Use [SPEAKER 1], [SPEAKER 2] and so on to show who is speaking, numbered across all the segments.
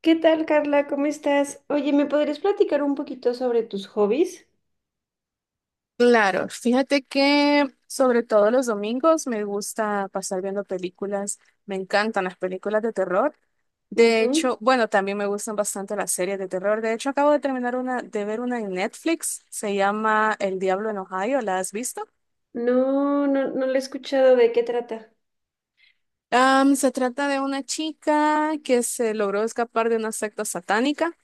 [SPEAKER 1] ¿Qué tal, Carla? ¿Cómo estás? Oye, ¿me podrías platicar un poquito sobre tus hobbies?
[SPEAKER 2] Claro, fíjate que sobre todo los domingos me gusta pasar viendo películas, me encantan las películas de terror. De
[SPEAKER 1] Ujú.
[SPEAKER 2] hecho, bueno, también me gustan bastante las series de terror. De hecho, acabo de terminar una, de ver una en Netflix, se llama El Diablo en Ohio, ¿la has visto?
[SPEAKER 1] No, no, no le he escuchado de qué trata.
[SPEAKER 2] Se trata de una chica que se logró escapar de una secta satánica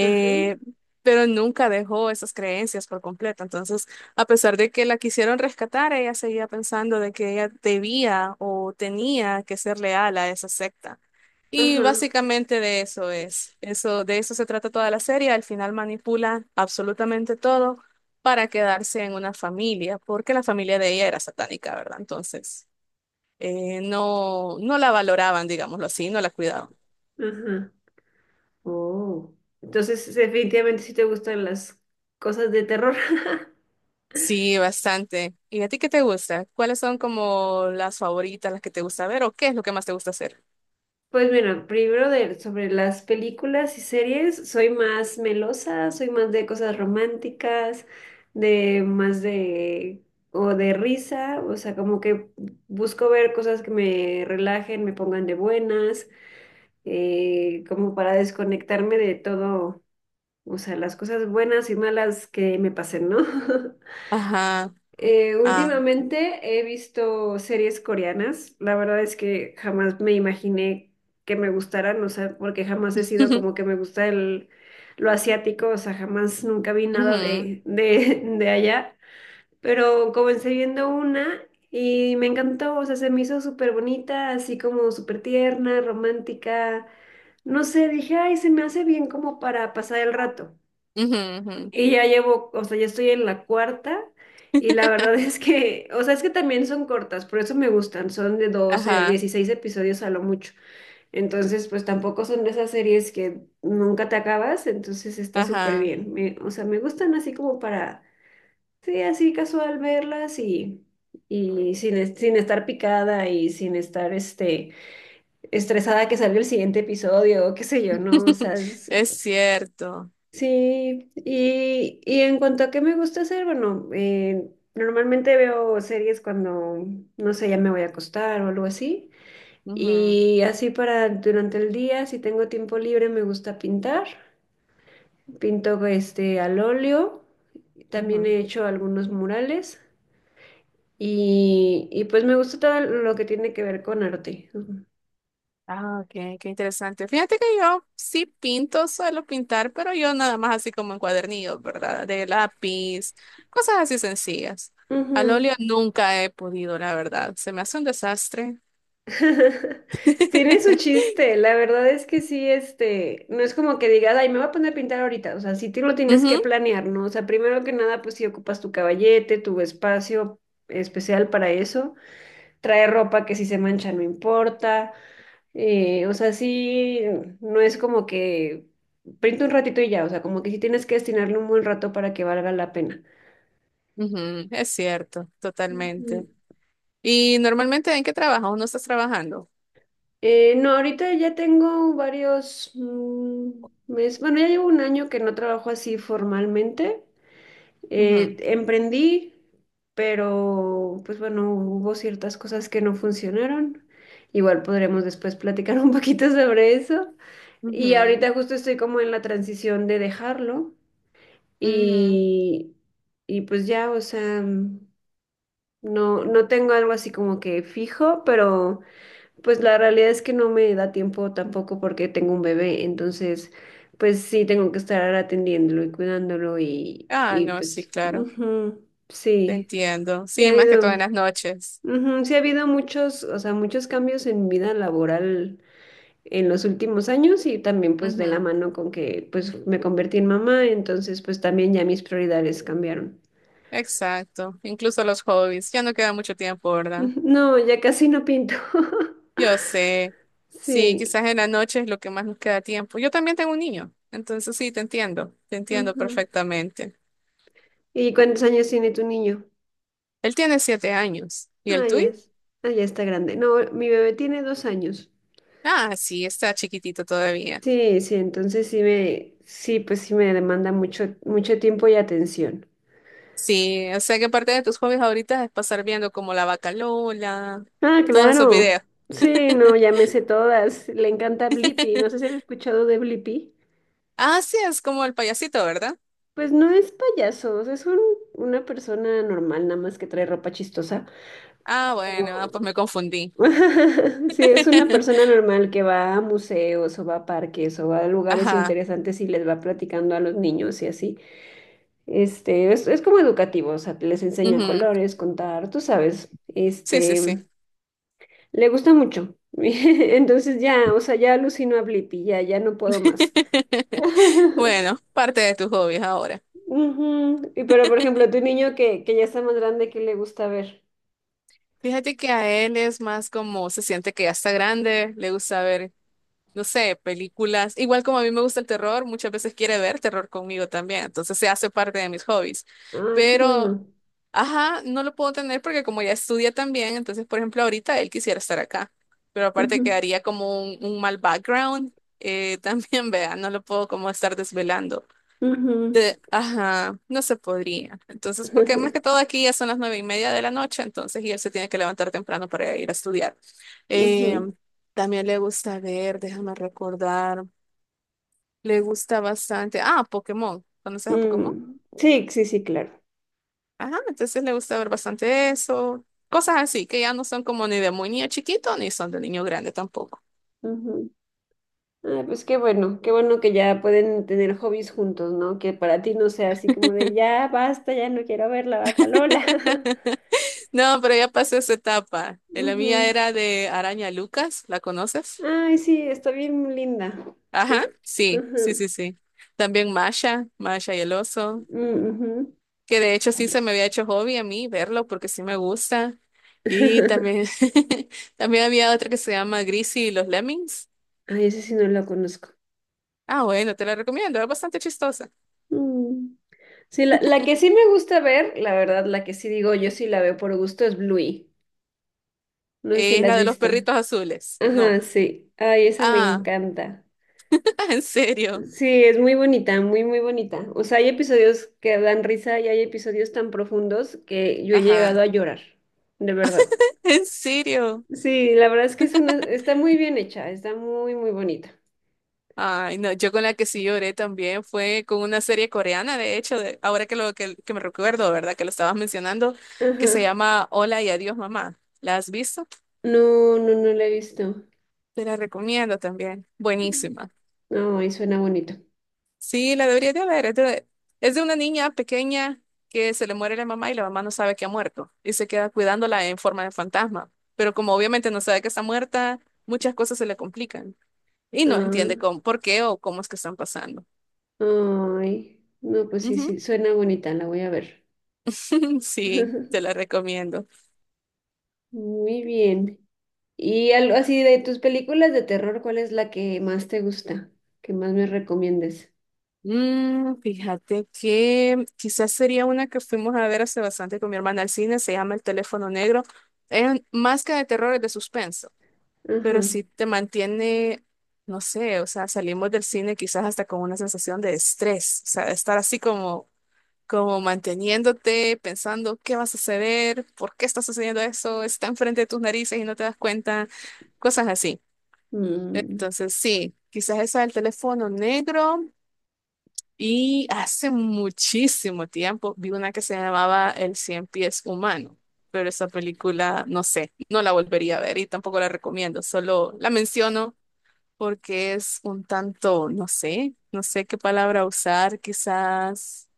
[SPEAKER 1] Ajá,
[SPEAKER 2] pero nunca dejó esas creencias por completo. Entonces, a pesar de que la quisieron rescatar, ella seguía pensando de que ella debía o tenía que ser leal a esa secta. Y
[SPEAKER 1] ajá,
[SPEAKER 2] básicamente de eso se trata toda la serie. Al final manipula absolutamente todo para quedarse en una familia, porque la familia de ella era satánica, ¿verdad? Entonces, no, no la valoraban, digámoslo así, no la cuidaban.
[SPEAKER 1] ajá. Oh. Entonces, definitivamente sí te gustan las cosas de terror.
[SPEAKER 2] Sí, bastante. ¿Y a ti qué te gusta? ¿Cuáles son como las favoritas, las que te gusta ver o qué es lo que más te gusta hacer?
[SPEAKER 1] Pues mira, primero de, sobre las películas y series, soy más melosa, soy más de cosas románticas, de más de, o de risa, o sea, como que busco ver cosas que me relajen, me pongan de buenas, como para desconectarme de todo, o sea, las cosas buenas y malas que me pasen, ¿no?
[SPEAKER 2] Ajá, ah,
[SPEAKER 1] Últimamente he visto series coreanas. La verdad es que jamás me imaginé que me gustaran, o sea, porque jamás he sido como que me gusta el, lo asiático, o sea, jamás nunca vi nada
[SPEAKER 2] ujú,
[SPEAKER 1] de allá. Pero comencé viendo una y me encantó, o sea, se me hizo súper bonita, así como súper tierna, romántica. No sé, dije, ay, se me hace bien como para pasar el rato.
[SPEAKER 2] ujú, ujú.
[SPEAKER 1] Y ya llevo, o sea, ya estoy en la cuarta y la verdad es que, o sea, es que también son cortas, por eso me gustan, son de 12
[SPEAKER 2] Ajá,
[SPEAKER 1] 16 episodios a lo mucho. Entonces, pues tampoco son de esas series que nunca te acabas, entonces está súper
[SPEAKER 2] ajá.
[SPEAKER 1] bien. O sea, me gustan así como para, sí, así casual verlas y sin estar picada y sin estar, estresada que salga el siguiente episodio o qué sé yo, ¿no? O sea,
[SPEAKER 2] Es cierto.
[SPEAKER 1] sí, y en cuanto a qué me gusta hacer, bueno, normalmente veo series cuando, no sé, ya me voy a acostar o algo así.
[SPEAKER 2] Ujú,
[SPEAKER 1] Y así para durante el día, si tengo tiempo libre, me gusta pintar. Pinto al óleo, también
[SPEAKER 2] ujú.
[SPEAKER 1] he hecho algunos murales y pues me gusta todo lo que tiene que ver con arte. Ujú.
[SPEAKER 2] Ah, ok, qué interesante. Fíjate que yo sí pinto, suelo pintar, pero yo nada más así como en cuadernillos, ¿verdad? De lápiz, cosas así sencillas. Al
[SPEAKER 1] Ujú.
[SPEAKER 2] óleo nunca he podido, la verdad. Se me hace un desastre.
[SPEAKER 1] Tiene su chiste, la verdad es que sí, no es como que digas, ay, me voy a poner a pintar ahorita, o sea, sí te lo tienes que
[SPEAKER 2] Ujú,
[SPEAKER 1] planear, ¿no? O sea, primero que nada, pues si ocupas tu caballete, tu espacio especial para eso, trae ropa que si se mancha no importa, o sea, sí, no es como que pinta un ratito y ya, o sea, como que sí tienes que destinarle un buen rato para que valga la pena.
[SPEAKER 2] ujú, es cierto, totalmente.
[SPEAKER 1] Ujú.
[SPEAKER 2] Y normalmente, ¿en qué trabajas o no estás trabajando?
[SPEAKER 1] No, ahorita ya tengo varios meses, bueno, ya llevo un año que no trabajo así formalmente.
[SPEAKER 2] Ujú,
[SPEAKER 1] Emprendí, pero pues bueno, hubo ciertas cosas que no funcionaron. Igual podremos después platicar un poquito sobre eso. Y
[SPEAKER 2] ujú,
[SPEAKER 1] ahorita justo estoy como en la transición de dejarlo
[SPEAKER 2] ujú.
[SPEAKER 1] y, y pues ya, o sea, no, no tengo algo así como que fijo, pero... Pues la realidad es que no me da tiempo tampoco porque tengo un bebé, entonces pues sí tengo que estar atendiéndolo y cuidándolo y,
[SPEAKER 2] Ah,
[SPEAKER 1] y
[SPEAKER 2] no, sí,
[SPEAKER 1] pues
[SPEAKER 2] claro,
[SPEAKER 1] ujú,
[SPEAKER 2] te
[SPEAKER 1] sí,
[SPEAKER 2] entiendo.
[SPEAKER 1] sí ha
[SPEAKER 2] Sí, más que
[SPEAKER 1] habido,
[SPEAKER 2] todo en las noches.
[SPEAKER 1] ujú, sí ha habido muchos, o sea, muchos cambios en mi vida laboral en los últimos años y también pues de la
[SPEAKER 2] Ujú,
[SPEAKER 1] mano con que pues me convertí en mamá, entonces pues también ya mis prioridades cambiaron.
[SPEAKER 2] exacto, incluso los hobbies, ya no queda mucho tiempo, ¿verdad?
[SPEAKER 1] Ujú, no, ya casi no pinto.
[SPEAKER 2] Yo sé, sí,
[SPEAKER 1] Sí.
[SPEAKER 2] quizás en la noche es lo que más nos queda tiempo. Yo también tengo un niño, entonces sí, te entiendo
[SPEAKER 1] Ujú.
[SPEAKER 2] perfectamente.
[SPEAKER 1] ¿Y cuántos años tiene tu niño?
[SPEAKER 2] Él tiene 7 años, ¿y el
[SPEAKER 1] Ah, ya
[SPEAKER 2] tuyo?
[SPEAKER 1] es. Ah, ya está grande. No, mi bebé tiene 2 años.
[SPEAKER 2] Ah, sí, está chiquitito todavía.
[SPEAKER 1] Sí, sí, entonces sí me, sí, pues sí me demanda mucho, mucho tiempo y atención.
[SPEAKER 2] Sí, o sea que parte de tus hobbies ahorita es pasar viendo como la vaca Lola,
[SPEAKER 1] Ah,
[SPEAKER 2] todos esos
[SPEAKER 1] claro.
[SPEAKER 2] videos.
[SPEAKER 1] Sí, no, ya me sé todas. Le encanta Blippi. No sé si has escuchado de Blippi.
[SPEAKER 2] Ah, sí, es como el payasito, ¿verdad?
[SPEAKER 1] Pues no es payaso, o sea, es una persona normal, nada más que trae ropa chistosa.
[SPEAKER 2] Ah, bueno, ah,
[SPEAKER 1] Pero-
[SPEAKER 2] pues me confundí.
[SPEAKER 1] Sí, es una persona normal que va a museos o va a parques o va a lugares
[SPEAKER 2] Ajá.
[SPEAKER 1] interesantes y les va platicando a los niños y así. Es como educativo, o sea, les enseña
[SPEAKER 2] Ujú,
[SPEAKER 1] colores, contar, tú sabes,
[SPEAKER 2] sí, sí, sí.
[SPEAKER 1] le gusta mucho. Entonces ya, o sea, ya alucino a Blippi, ya, ya no puedo más.
[SPEAKER 2] Bueno, parte de tus hobbies ahora.
[SPEAKER 1] Ujú. Y pero, por ejemplo, tu niño que ya está más grande, ¿qué le gusta ver?
[SPEAKER 2] Fíjate que a él es más como se siente que ya está grande, le gusta ver, no sé, películas. Igual como a mí me gusta el terror, muchas veces quiere ver terror conmigo también, entonces se hace parte de mis hobbies.
[SPEAKER 1] Ay, qué
[SPEAKER 2] Pero
[SPEAKER 1] bueno.
[SPEAKER 2] ajá, no lo puedo tener porque como ya estudia también, entonces, por ejemplo, ahorita él quisiera estar acá, pero aparte
[SPEAKER 1] Ujú,
[SPEAKER 2] quedaría como un mal background, también, vea, no lo puedo como estar desvelando.
[SPEAKER 1] ujú,
[SPEAKER 2] Ajá, no se podría. Entonces, porque más que todo aquí ya son las 9:30 de la noche, entonces, y él se tiene que levantar temprano para ir a estudiar. Eh,
[SPEAKER 1] ujú.
[SPEAKER 2] También le gusta ver, déjame recordar, le gusta bastante. Ah, Pokémon. ¿Conoces a Pokémon?
[SPEAKER 1] Mm. Sí, sí, sí, claro.
[SPEAKER 2] Ajá, entonces le gusta ver bastante eso. Cosas así, que ya no son como ni de muy niño chiquito, ni son de niño grande tampoco.
[SPEAKER 1] Ay, pues qué bueno que ya pueden tener hobbies juntos, ¿no? Que para ti no sea así como de ya basta, ya no quiero ver la vaca Lola.
[SPEAKER 2] No, pero ya pasó esa etapa. La mía
[SPEAKER 1] Ujú.
[SPEAKER 2] era de Araña Lucas, ¿la conoces?
[SPEAKER 1] Ay, sí, está bien linda. Sí,
[SPEAKER 2] Ajá, sí, sí,
[SPEAKER 1] ujú.
[SPEAKER 2] sí, sí. También Masha, Masha y el oso,
[SPEAKER 1] Mm, ujú.
[SPEAKER 2] que de hecho sí se me había hecho hobby a mí verlo porque sí me gusta. Y también, también había otra que se llama Greasy y los Lemmings.
[SPEAKER 1] Ay, ese sí no la conozco.
[SPEAKER 2] Ah, bueno, te la recomiendo, es bastante chistosa.
[SPEAKER 1] Mm. Sí, la que sí me gusta ver, la verdad, la que sí digo yo sí la veo por gusto es Bluey. No sé si
[SPEAKER 2] Es
[SPEAKER 1] la has
[SPEAKER 2] la de los
[SPEAKER 1] visto.
[SPEAKER 2] perritos azules.
[SPEAKER 1] Ajá,
[SPEAKER 2] No.
[SPEAKER 1] sí. Ay, esa me
[SPEAKER 2] Ah,
[SPEAKER 1] encanta.
[SPEAKER 2] en serio.
[SPEAKER 1] Sí, es muy bonita, muy, muy bonita. O sea, hay episodios que dan risa y hay episodios tan profundos que yo he
[SPEAKER 2] Ajá.
[SPEAKER 1] llegado a llorar, de verdad.
[SPEAKER 2] En serio.
[SPEAKER 1] Sí, la verdad es que es una, está muy bien hecha, está muy, muy bonita.
[SPEAKER 2] Ay, no, yo con la que sí lloré también fue con una serie coreana, de hecho, ahora que que me recuerdo, ¿verdad? Que lo estabas mencionando, que se
[SPEAKER 1] Ajá.
[SPEAKER 2] llama Hola y adiós, mamá. ¿La has visto?
[SPEAKER 1] No, no, no la he visto.
[SPEAKER 2] Te la recomiendo también. Buenísima.
[SPEAKER 1] Ay, suena bonito.
[SPEAKER 2] Sí, la deberías de ver. Es de una niña pequeña que se le muere la mamá y la mamá no sabe que ha muerto y se queda cuidándola en forma de fantasma. Pero como obviamente no sabe que está muerta, muchas cosas se le complican, y no entiende
[SPEAKER 1] Ah,
[SPEAKER 2] cómo, por qué o cómo es que están pasando.
[SPEAKER 1] ay, no, pues sí,
[SPEAKER 2] Ujú.
[SPEAKER 1] sí, suena bonita, la voy a ver.
[SPEAKER 2] Sí, te la recomiendo.
[SPEAKER 1] Muy bien. Y algo así de tus películas de terror, ¿cuál es la que más te gusta? ¿Que más me recomiendes?
[SPEAKER 2] Mm, fíjate que quizás sería una que fuimos a ver hace bastante con mi hermana al cine, se llama El teléfono negro. Es más que de terror, es de suspenso, pero
[SPEAKER 1] Ajá.
[SPEAKER 2] sí te mantiene, no sé, o sea, salimos del cine quizás hasta con una sensación de estrés, o sea, de estar así como como manteniéndote, pensando qué va a suceder, por qué está sucediendo eso, está enfrente de tus narices y no te das cuenta, cosas así.
[SPEAKER 1] Mm,
[SPEAKER 2] Entonces, sí, quizás eso del teléfono negro. Y hace muchísimo tiempo vi una que se llamaba El Cien Pies Humano, pero esa película, no sé, no la volvería a ver y tampoco la recomiendo, solo la menciono porque es un tanto, no sé, no sé qué palabra usar, quizás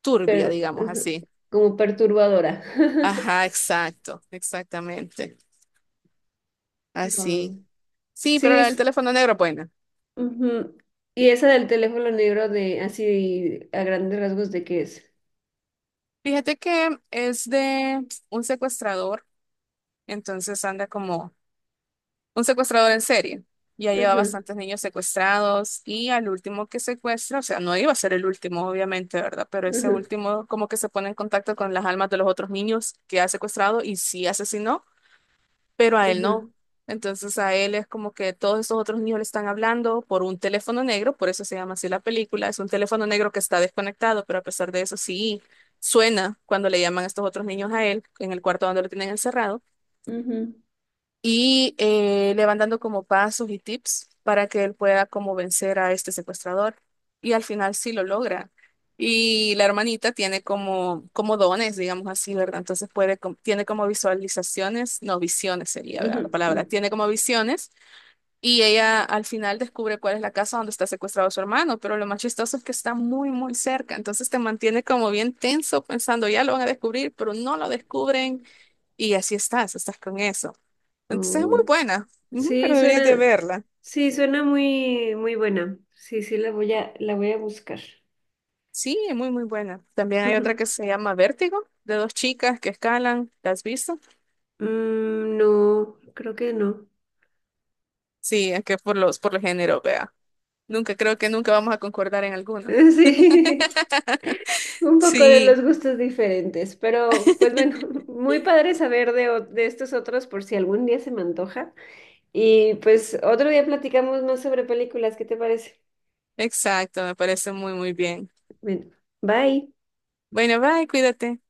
[SPEAKER 2] turbia, digamos
[SPEAKER 1] ajá,
[SPEAKER 2] así.
[SPEAKER 1] como perturbadora.
[SPEAKER 2] Ajá, exacto, exactamente. Así.
[SPEAKER 1] Wow.
[SPEAKER 2] Sí, pero
[SPEAKER 1] Sí,
[SPEAKER 2] la del
[SPEAKER 1] es,
[SPEAKER 2] teléfono negro, bueno.
[SPEAKER 1] ujú. Y esa del teléfono negro de así a grandes rasgos de qué es.
[SPEAKER 2] Fíjate que es de un secuestrador, entonces anda como un secuestrador en serie. Ya lleva
[SPEAKER 1] Ajá,
[SPEAKER 2] bastantes niños secuestrados y al último que secuestra, o sea, no iba a ser el último, obviamente, ¿verdad? Pero ese
[SPEAKER 1] ajá,
[SPEAKER 2] último como que se pone en contacto con las almas de los otros niños que ha secuestrado y sí asesinó, pero a él
[SPEAKER 1] ajá,
[SPEAKER 2] no. Entonces a él es como que todos estos otros niños le están hablando por un teléfono negro, por eso se llama así la película, es un teléfono negro que está desconectado, pero a pesar de eso sí suena cuando le llaman a estos otros niños a él en el cuarto donde lo tienen encerrado
[SPEAKER 1] ujú,
[SPEAKER 2] y le van dando como pasos y tips para que él pueda como vencer a este secuestrador. Y al final sí lo logra. Y la hermanita tiene como, como dones, digamos así, ¿verdad? Entonces puede, tiene como visualizaciones, no visiones sería,
[SPEAKER 1] ujú.
[SPEAKER 2] ¿verdad? La palabra. Tiene como visiones y ella al final descubre cuál es la casa donde está secuestrado su hermano, pero lo más chistoso es que está muy, muy cerca. Entonces te mantiene como bien tenso pensando, ya lo van a descubrir, pero no lo descubren y así estás con eso. Entonces es muy
[SPEAKER 1] Oh,
[SPEAKER 2] buena, ujú, pero
[SPEAKER 1] sí,
[SPEAKER 2] deberías de
[SPEAKER 1] suena,
[SPEAKER 2] verla.
[SPEAKER 1] sí, suena muy, muy buena. Sí, sí, la voy a buscar.
[SPEAKER 2] Sí, es muy, muy buena. También hay
[SPEAKER 1] Ujú.
[SPEAKER 2] otra que se llama Vértigo, de dos chicas que escalan. ¿La has visto?
[SPEAKER 1] Mm, no, creo que no.
[SPEAKER 2] Sí, es que por el género, vea. Nunca, creo que nunca vamos a concordar en alguno.
[SPEAKER 1] Sí. Un poco de
[SPEAKER 2] Sí,
[SPEAKER 1] los gustos diferentes, pero pues bueno, muy padre saber de, de estos otros por si algún día se me antoja. Y pues otro día platicamos más sobre películas, ¿qué te parece?
[SPEAKER 2] exacto, me parece muy, muy bien.
[SPEAKER 1] Bueno, bye.
[SPEAKER 2] Bueno, bye, cuídate.